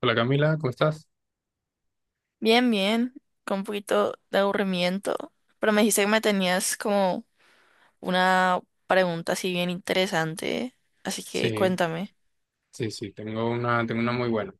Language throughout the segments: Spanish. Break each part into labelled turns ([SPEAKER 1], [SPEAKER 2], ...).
[SPEAKER 1] Hola Camila, ¿cómo estás?
[SPEAKER 2] Bien, bien, con un poquito de aburrimiento, pero me dijiste que me tenías como una pregunta así bien interesante, así que
[SPEAKER 1] Sí,
[SPEAKER 2] cuéntame.
[SPEAKER 1] sí, sí, tengo una muy buena.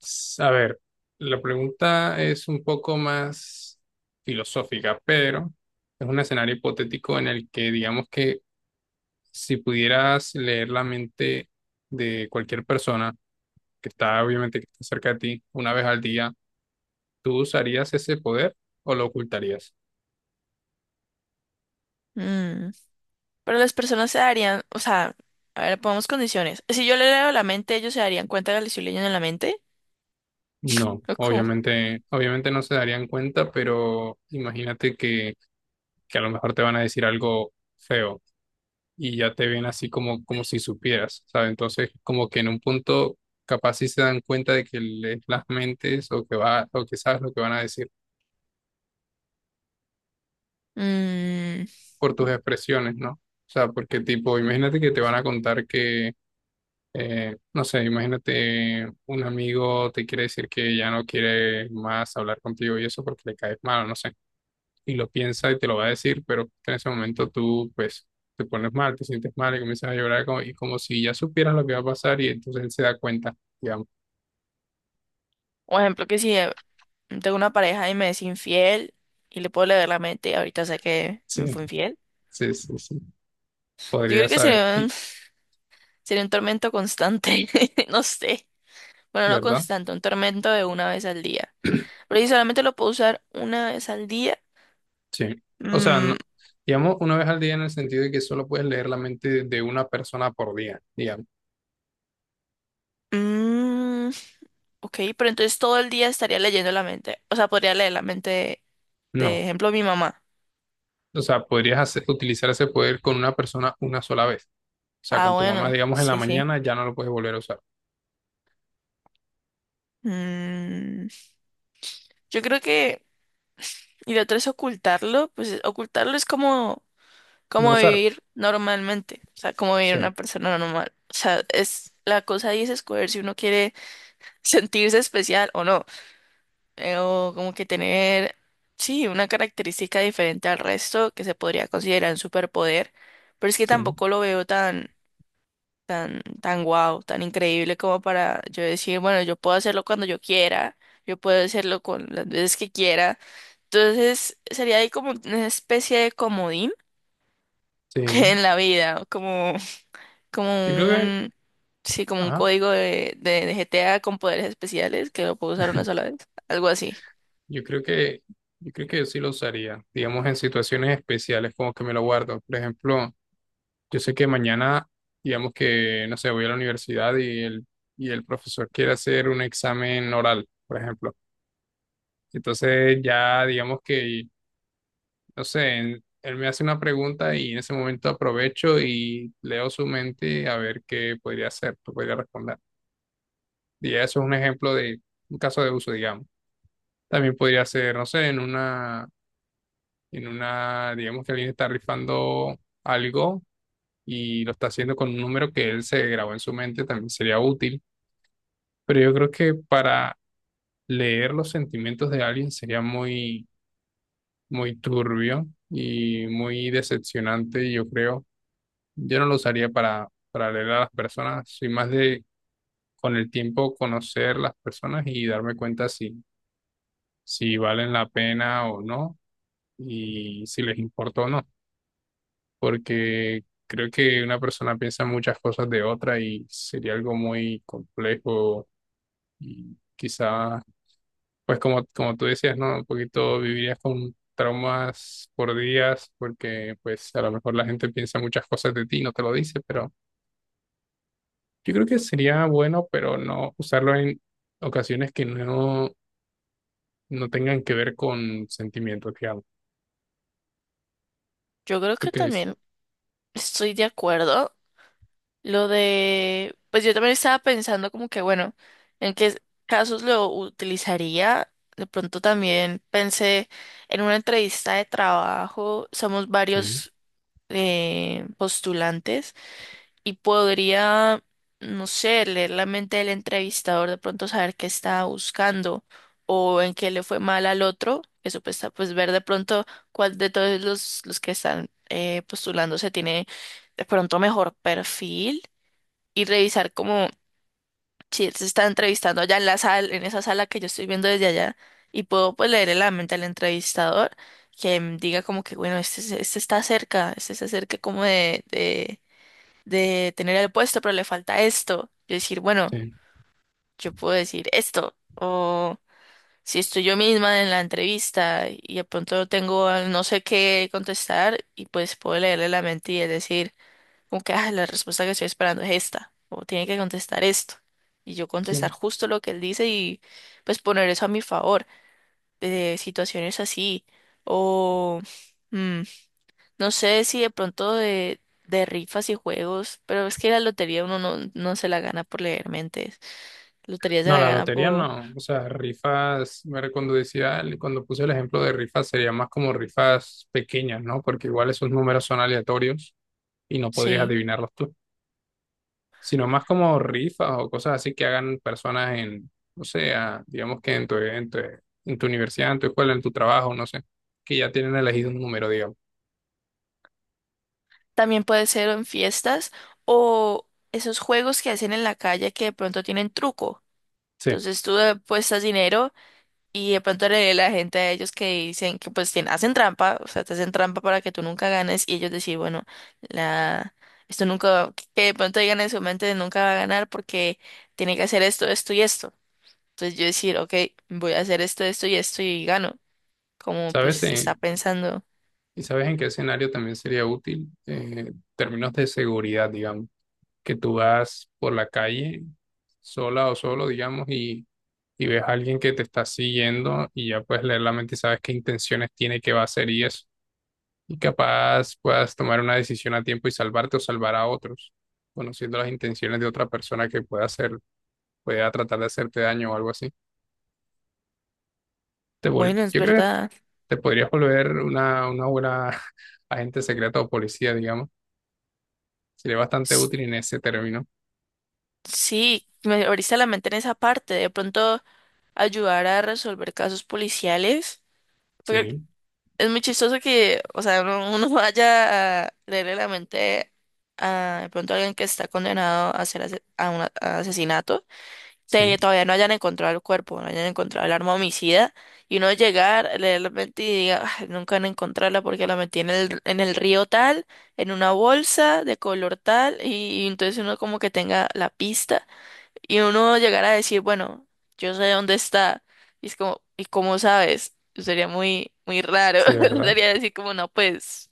[SPEAKER 1] A ver, la pregunta es un poco más filosófica, pero es un escenario hipotético en el que digamos que si pudieras leer la mente de cualquier persona que está obviamente que está cerca de ti una vez al día, ¿tú usarías ese poder o lo ocultarías?
[SPEAKER 2] Mm, Pero las personas se darían, o sea, a ver, pongamos condiciones. Si yo le leo la mente, ellos se darían cuenta de que le estoy leyendo en la mente.
[SPEAKER 1] No,
[SPEAKER 2] ¿O cómo?
[SPEAKER 1] obviamente, obviamente no se darían cuenta, pero imagínate que a lo mejor te van a decir algo feo y ya te ven así como, como si supieras, ¿sabes? Entonces, como que en un punto capaz sí se dan cuenta de que lees las mentes o que va, o que sabes lo que van a decir
[SPEAKER 2] Mm,
[SPEAKER 1] por tus expresiones, ¿no? O sea, porque tipo, imagínate que te van a contar que, no sé, imagínate un amigo te quiere decir que ya no quiere más hablar contigo y eso porque le caes mal, no sé. Y lo piensa y te lo va a decir, pero en ese momento tú, pues, te pones mal, te sientes mal y comienzas a llorar como, y como si ya supieras lo que va a pasar y entonces él se da cuenta, digamos.
[SPEAKER 2] Por ejemplo, que si tengo una pareja y me es infiel y le puedo leer la mente y ahorita sé que me
[SPEAKER 1] Sí,
[SPEAKER 2] fue infiel.
[SPEAKER 1] sí, sí, sí.
[SPEAKER 2] Yo
[SPEAKER 1] Podría
[SPEAKER 2] creo que
[SPEAKER 1] saber,
[SPEAKER 2] sería un,
[SPEAKER 1] y,
[SPEAKER 2] sería un tormento constante, no sé. Bueno, no
[SPEAKER 1] ¿verdad?
[SPEAKER 2] constante, un tormento de una vez al día. Pero si solamente lo puedo usar una vez al día.
[SPEAKER 1] Sí. O sea,
[SPEAKER 2] mm,
[SPEAKER 1] digamos, una vez al día en el sentido de que solo puedes leer la mente de una persona por día, digamos.
[SPEAKER 2] mm, ok, pero entonces todo el día estaría leyendo la mente. O sea, podría leer la mente de
[SPEAKER 1] No.
[SPEAKER 2] ejemplo, mi mamá.
[SPEAKER 1] O sea, podrías utilizar ese poder con una persona una sola vez. O sea,
[SPEAKER 2] Ah,
[SPEAKER 1] con tu mamá,
[SPEAKER 2] bueno,
[SPEAKER 1] digamos, en la
[SPEAKER 2] sí, sí.
[SPEAKER 1] mañana ya no lo puedes volver a usar.
[SPEAKER 2] Mm, yo creo que. Y lo otro es ocultarlo. Pues ocultarlo es como,
[SPEAKER 1] No
[SPEAKER 2] como
[SPEAKER 1] usar.
[SPEAKER 2] vivir normalmente. O sea, como vivir
[SPEAKER 1] Sí,
[SPEAKER 2] una persona normal. O sea, es. La cosa ahí es escoger si uno quiere sentirse especial o no. O como que tener, sí, una característica diferente al resto que se podría considerar un superpoder, pero es que
[SPEAKER 1] sí,
[SPEAKER 2] tampoco lo veo tan, tan, tan guau, tan increíble como para yo decir, bueno, yo puedo hacerlo cuando yo quiera, yo puedo hacerlo con las veces que quiera. Entonces, sería ahí como una especie de comodín
[SPEAKER 1] sí.
[SPEAKER 2] en la vida, como, como
[SPEAKER 1] Yo creo que,
[SPEAKER 2] un, sí, como un
[SPEAKER 1] ajá.
[SPEAKER 2] código de GTA con poderes especiales que lo puedo usar una sola vez, algo así.
[SPEAKER 1] Yo creo que, yo creo que yo sí lo usaría, digamos en situaciones especiales, como que me lo guardo. Por ejemplo, yo sé que mañana, digamos que, no sé, voy a la universidad y el profesor quiere hacer un examen oral, por ejemplo. Entonces ya, digamos que, no sé, él me hace una pregunta y en ese momento aprovecho y leo su mente a ver qué podría hacer, qué podría responder. Y eso es un ejemplo de un caso de uso, digamos. También podría ser, no sé, en una, digamos que alguien está rifando algo y lo está haciendo con un número que él se grabó en su mente, también sería útil, pero yo creo que para leer los sentimientos de alguien sería muy, muy turbio y muy decepcionante, yo creo. Yo no lo usaría para leer a las personas, soy más de con el tiempo conocer las personas y darme cuenta si, si valen la pena o no y si les importa o no. Porque creo que una persona piensa muchas cosas de otra y sería algo muy complejo y quizá, pues como, como tú decías, ¿no? Un poquito vivirías con traumas por días porque pues a lo mejor la gente piensa muchas cosas de ti, y no te lo dice, pero yo creo que sería bueno, pero no usarlo en ocasiones que no, no tengan que ver con sentimientos, digamos.
[SPEAKER 2] Yo creo
[SPEAKER 1] ¿Tú
[SPEAKER 2] que
[SPEAKER 1] qué dices?
[SPEAKER 2] también estoy de acuerdo. Lo de, pues yo también estaba pensando como que, bueno, en qué casos lo utilizaría. De pronto también pensé en una entrevista de trabajo, somos
[SPEAKER 1] Sí,
[SPEAKER 2] varios postulantes y podría, no sé, leer la mente del entrevistador, de pronto saber qué estaba buscando o en qué le fue mal al otro. Eso pues, está- pues ver de pronto cuál de todos los que están postulándose tiene de pronto mejor perfil y revisar como si él se está entrevistando allá en la sala, en esa sala que yo estoy viendo desde allá y puedo pues leer en la mente del entrevistador que diga como que bueno, este, se- este está cerca, este se acerca como de tener el puesto, pero le falta esto. Yo decir, bueno,
[SPEAKER 1] sí,
[SPEAKER 2] yo puedo decir esto. O si estoy yo misma en la entrevista y de pronto tengo no sé qué contestar y pues puedo leerle la mente y es decir, como que ah, la respuesta que estoy esperando es esta. O tiene que contestar esto. Y yo contestar
[SPEAKER 1] sí.
[SPEAKER 2] justo lo que él dice y pues poner eso a mi favor. De situaciones así. O... mm, no sé si de pronto de rifas y juegos, pero es que la lotería uno no, no se la gana por leer mentes. Lotería se
[SPEAKER 1] No,
[SPEAKER 2] la
[SPEAKER 1] la
[SPEAKER 2] gana
[SPEAKER 1] lotería
[SPEAKER 2] por...
[SPEAKER 1] no. O sea, rifas, bueno, cuando decía, cuando puse el ejemplo de rifas, sería más como rifas pequeñas, ¿no? Porque igual esos números son aleatorios y no podrías
[SPEAKER 2] Sí.
[SPEAKER 1] adivinarlos tú. Sino más como rifas o cosas así que hagan personas en, o sea, digamos que en tu, en tu, en tu universidad, en tu escuela, en tu trabajo, no sé, que ya tienen elegido un número, digamos.
[SPEAKER 2] También puede ser en fiestas o esos juegos que hacen en la calle que de pronto tienen truco.
[SPEAKER 1] Sí.
[SPEAKER 2] Entonces tú apuestas dinero y de pronto le la gente a ellos que dicen que pues tien- hacen trampa, o sea, te hacen trampa para que tú nunca ganes y ellos decir, bueno, la... Esto nunca, que de pronto digan en su mente nunca va a ganar porque tiene que hacer esto, esto y esto. Entonces yo decir, ok, voy a hacer esto, esto y esto y gano. Como
[SPEAKER 1] ¿Sabes?
[SPEAKER 2] pues está
[SPEAKER 1] en-
[SPEAKER 2] pensando,
[SPEAKER 1] ¿Y sabes en qué escenario también sería útil? En términos de seguridad, digamos que tú vas por la calle sola o solo, digamos, y ves a alguien que te está siguiendo y ya puedes leer la mente y sabes qué intenciones tiene, qué va a hacer y eso. Y capaz puedas tomar una decisión a tiempo y salvarte o salvar a otros, conociendo las intenciones de otra persona que pueda hacer, pueda tratar de hacerte daño o algo así.
[SPEAKER 2] bueno, es
[SPEAKER 1] Yo creo que
[SPEAKER 2] verdad.
[SPEAKER 1] te podrías volver una buena agente secreta o policía, digamos. Sería bastante
[SPEAKER 2] S-
[SPEAKER 1] útil en ese término.
[SPEAKER 2] Sí, me abriste la mente en esa parte. De pronto ayudar a resolver casos policiales. Porque
[SPEAKER 1] Sí,
[SPEAKER 2] es muy chistoso que, o sea, uno vaya a leerle la mente a de pronto alguien que está condenado a hacer ase- a un a asesinato. Te-
[SPEAKER 1] sí,
[SPEAKER 2] todavía no hayan encontrado el cuerpo, no hayan encontrado el arma homicida, y uno llegar, leer la mentira y diga, "Ay, nunca van a encontrarla porque la metí en el río tal, en una bolsa de color tal", y entonces uno como que tenga la pista, y uno llegar a decir, bueno, yo sé dónde está, y es como, ¿y cómo sabes? Sería muy, muy raro,
[SPEAKER 1] sí, ¿verdad?
[SPEAKER 2] sería decir como, no, pues,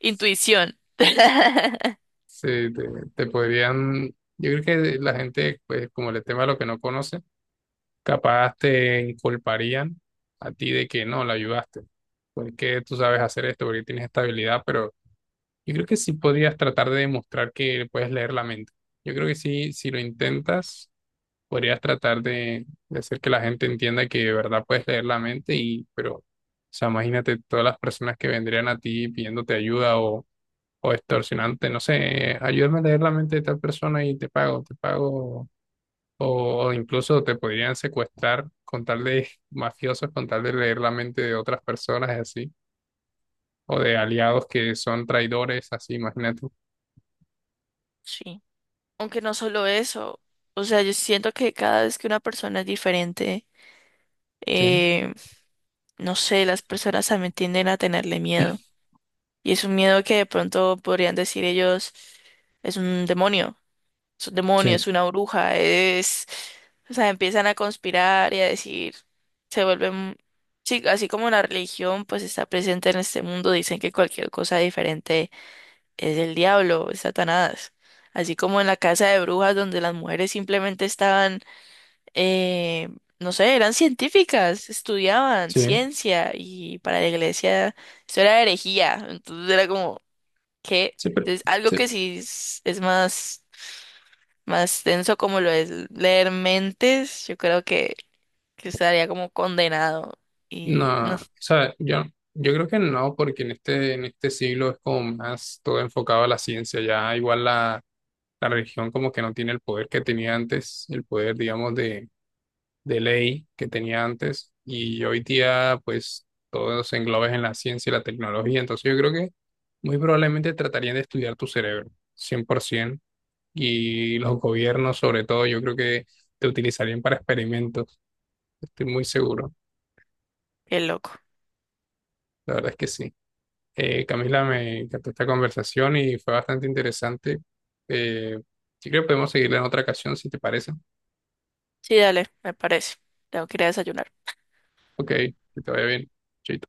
[SPEAKER 2] intuición.
[SPEAKER 1] Sí, te podrían, yo creo que la gente, pues como el tema de lo que no conoce, capaz te inculparían a ti de que no, la ayudaste, porque tú sabes hacer esto, porque tienes esta habilidad, pero yo creo que sí podrías tratar de demostrar que puedes leer la mente. Yo creo que sí, si lo intentas, podrías tratar de hacer que la gente entienda que de verdad puedes leer la mente y, pero, o sea, imagínate todas las personas que vendrían a ti pidiéndote ayuda o extorsionante, no sé, ayúdame a leer la mente de tal persona y te pago, o incluso te podrían secuestrar con tal de mafiosos, con tal de leer la mente de otras personas, así, o de aliados que son traidores, así, imagínate.
[SPEAKER 2] Sí. Aunque no solo eso, o sea, yo siento que cada vez que una persona es diferente,
[SPEAKER 1] Sí,
[SPEAKER 2] eh, no sé, las personas también tienden a tenerle miedo. Y es un miedo que de pronto podrían decir ellos, es un demonio, es un demonio,
[SPEAKER 1] sí,
[SPEAKER 2] es una bruja, es... O sea, empiezan a conspirar y a decir, se vuelven... Sí, así como la religión pues está presente en este mundo, dicen que cualquier cosa diferente es el diablo, es Satanás. Así como en la casa de brujas donde las mujeres simplemente estaban eh, no sé, eran científicas, estudiaban
[SPEAKER 1] sí,
[SPEAKER 2] ciencia y para la iglesia eso era herejía, entonces era como que
[SPEAKER 1] sí, pero,
[SPEAKER 2] es algo que
[SPEAKER 1] sí,
[SPEAKER 2] sí es más, más denso como lo es leer mentes, yo creo que estaría como condenado y
[SPEAKER 1] no,
[SPEAKER 2] no,
[SPEAKER 1] o sea, yo creo que no, porque en este siglo es como más todo enfocado a la ciencia, ya igual la, la religión como que no tiene el poder que tenía antes, el poder, digamos, de ley que tenía antes y hoy día pues todo se engloba en la ciencia y la tecnología, entonces yo creo que muy probablemente tratarían de estudiar tu cerebro 100% y los gobiernos sobre todo yo creo que te utilizarían para experimentos, estoy muy seguro,
[SPEAKER 2] qué loco.
[SPEAKER 1] la verdad es que sí. Camila, me encantó esta conversación y fue bastante interesante. Eh, yo creo que podemos seguirla en otra ocasión si te parece.
[SPEAKER 2] Sí, dale, me parece. Tengo que ir a desayunar.
[SPEAKER 1] Ok, que te vaya bien. Chaito.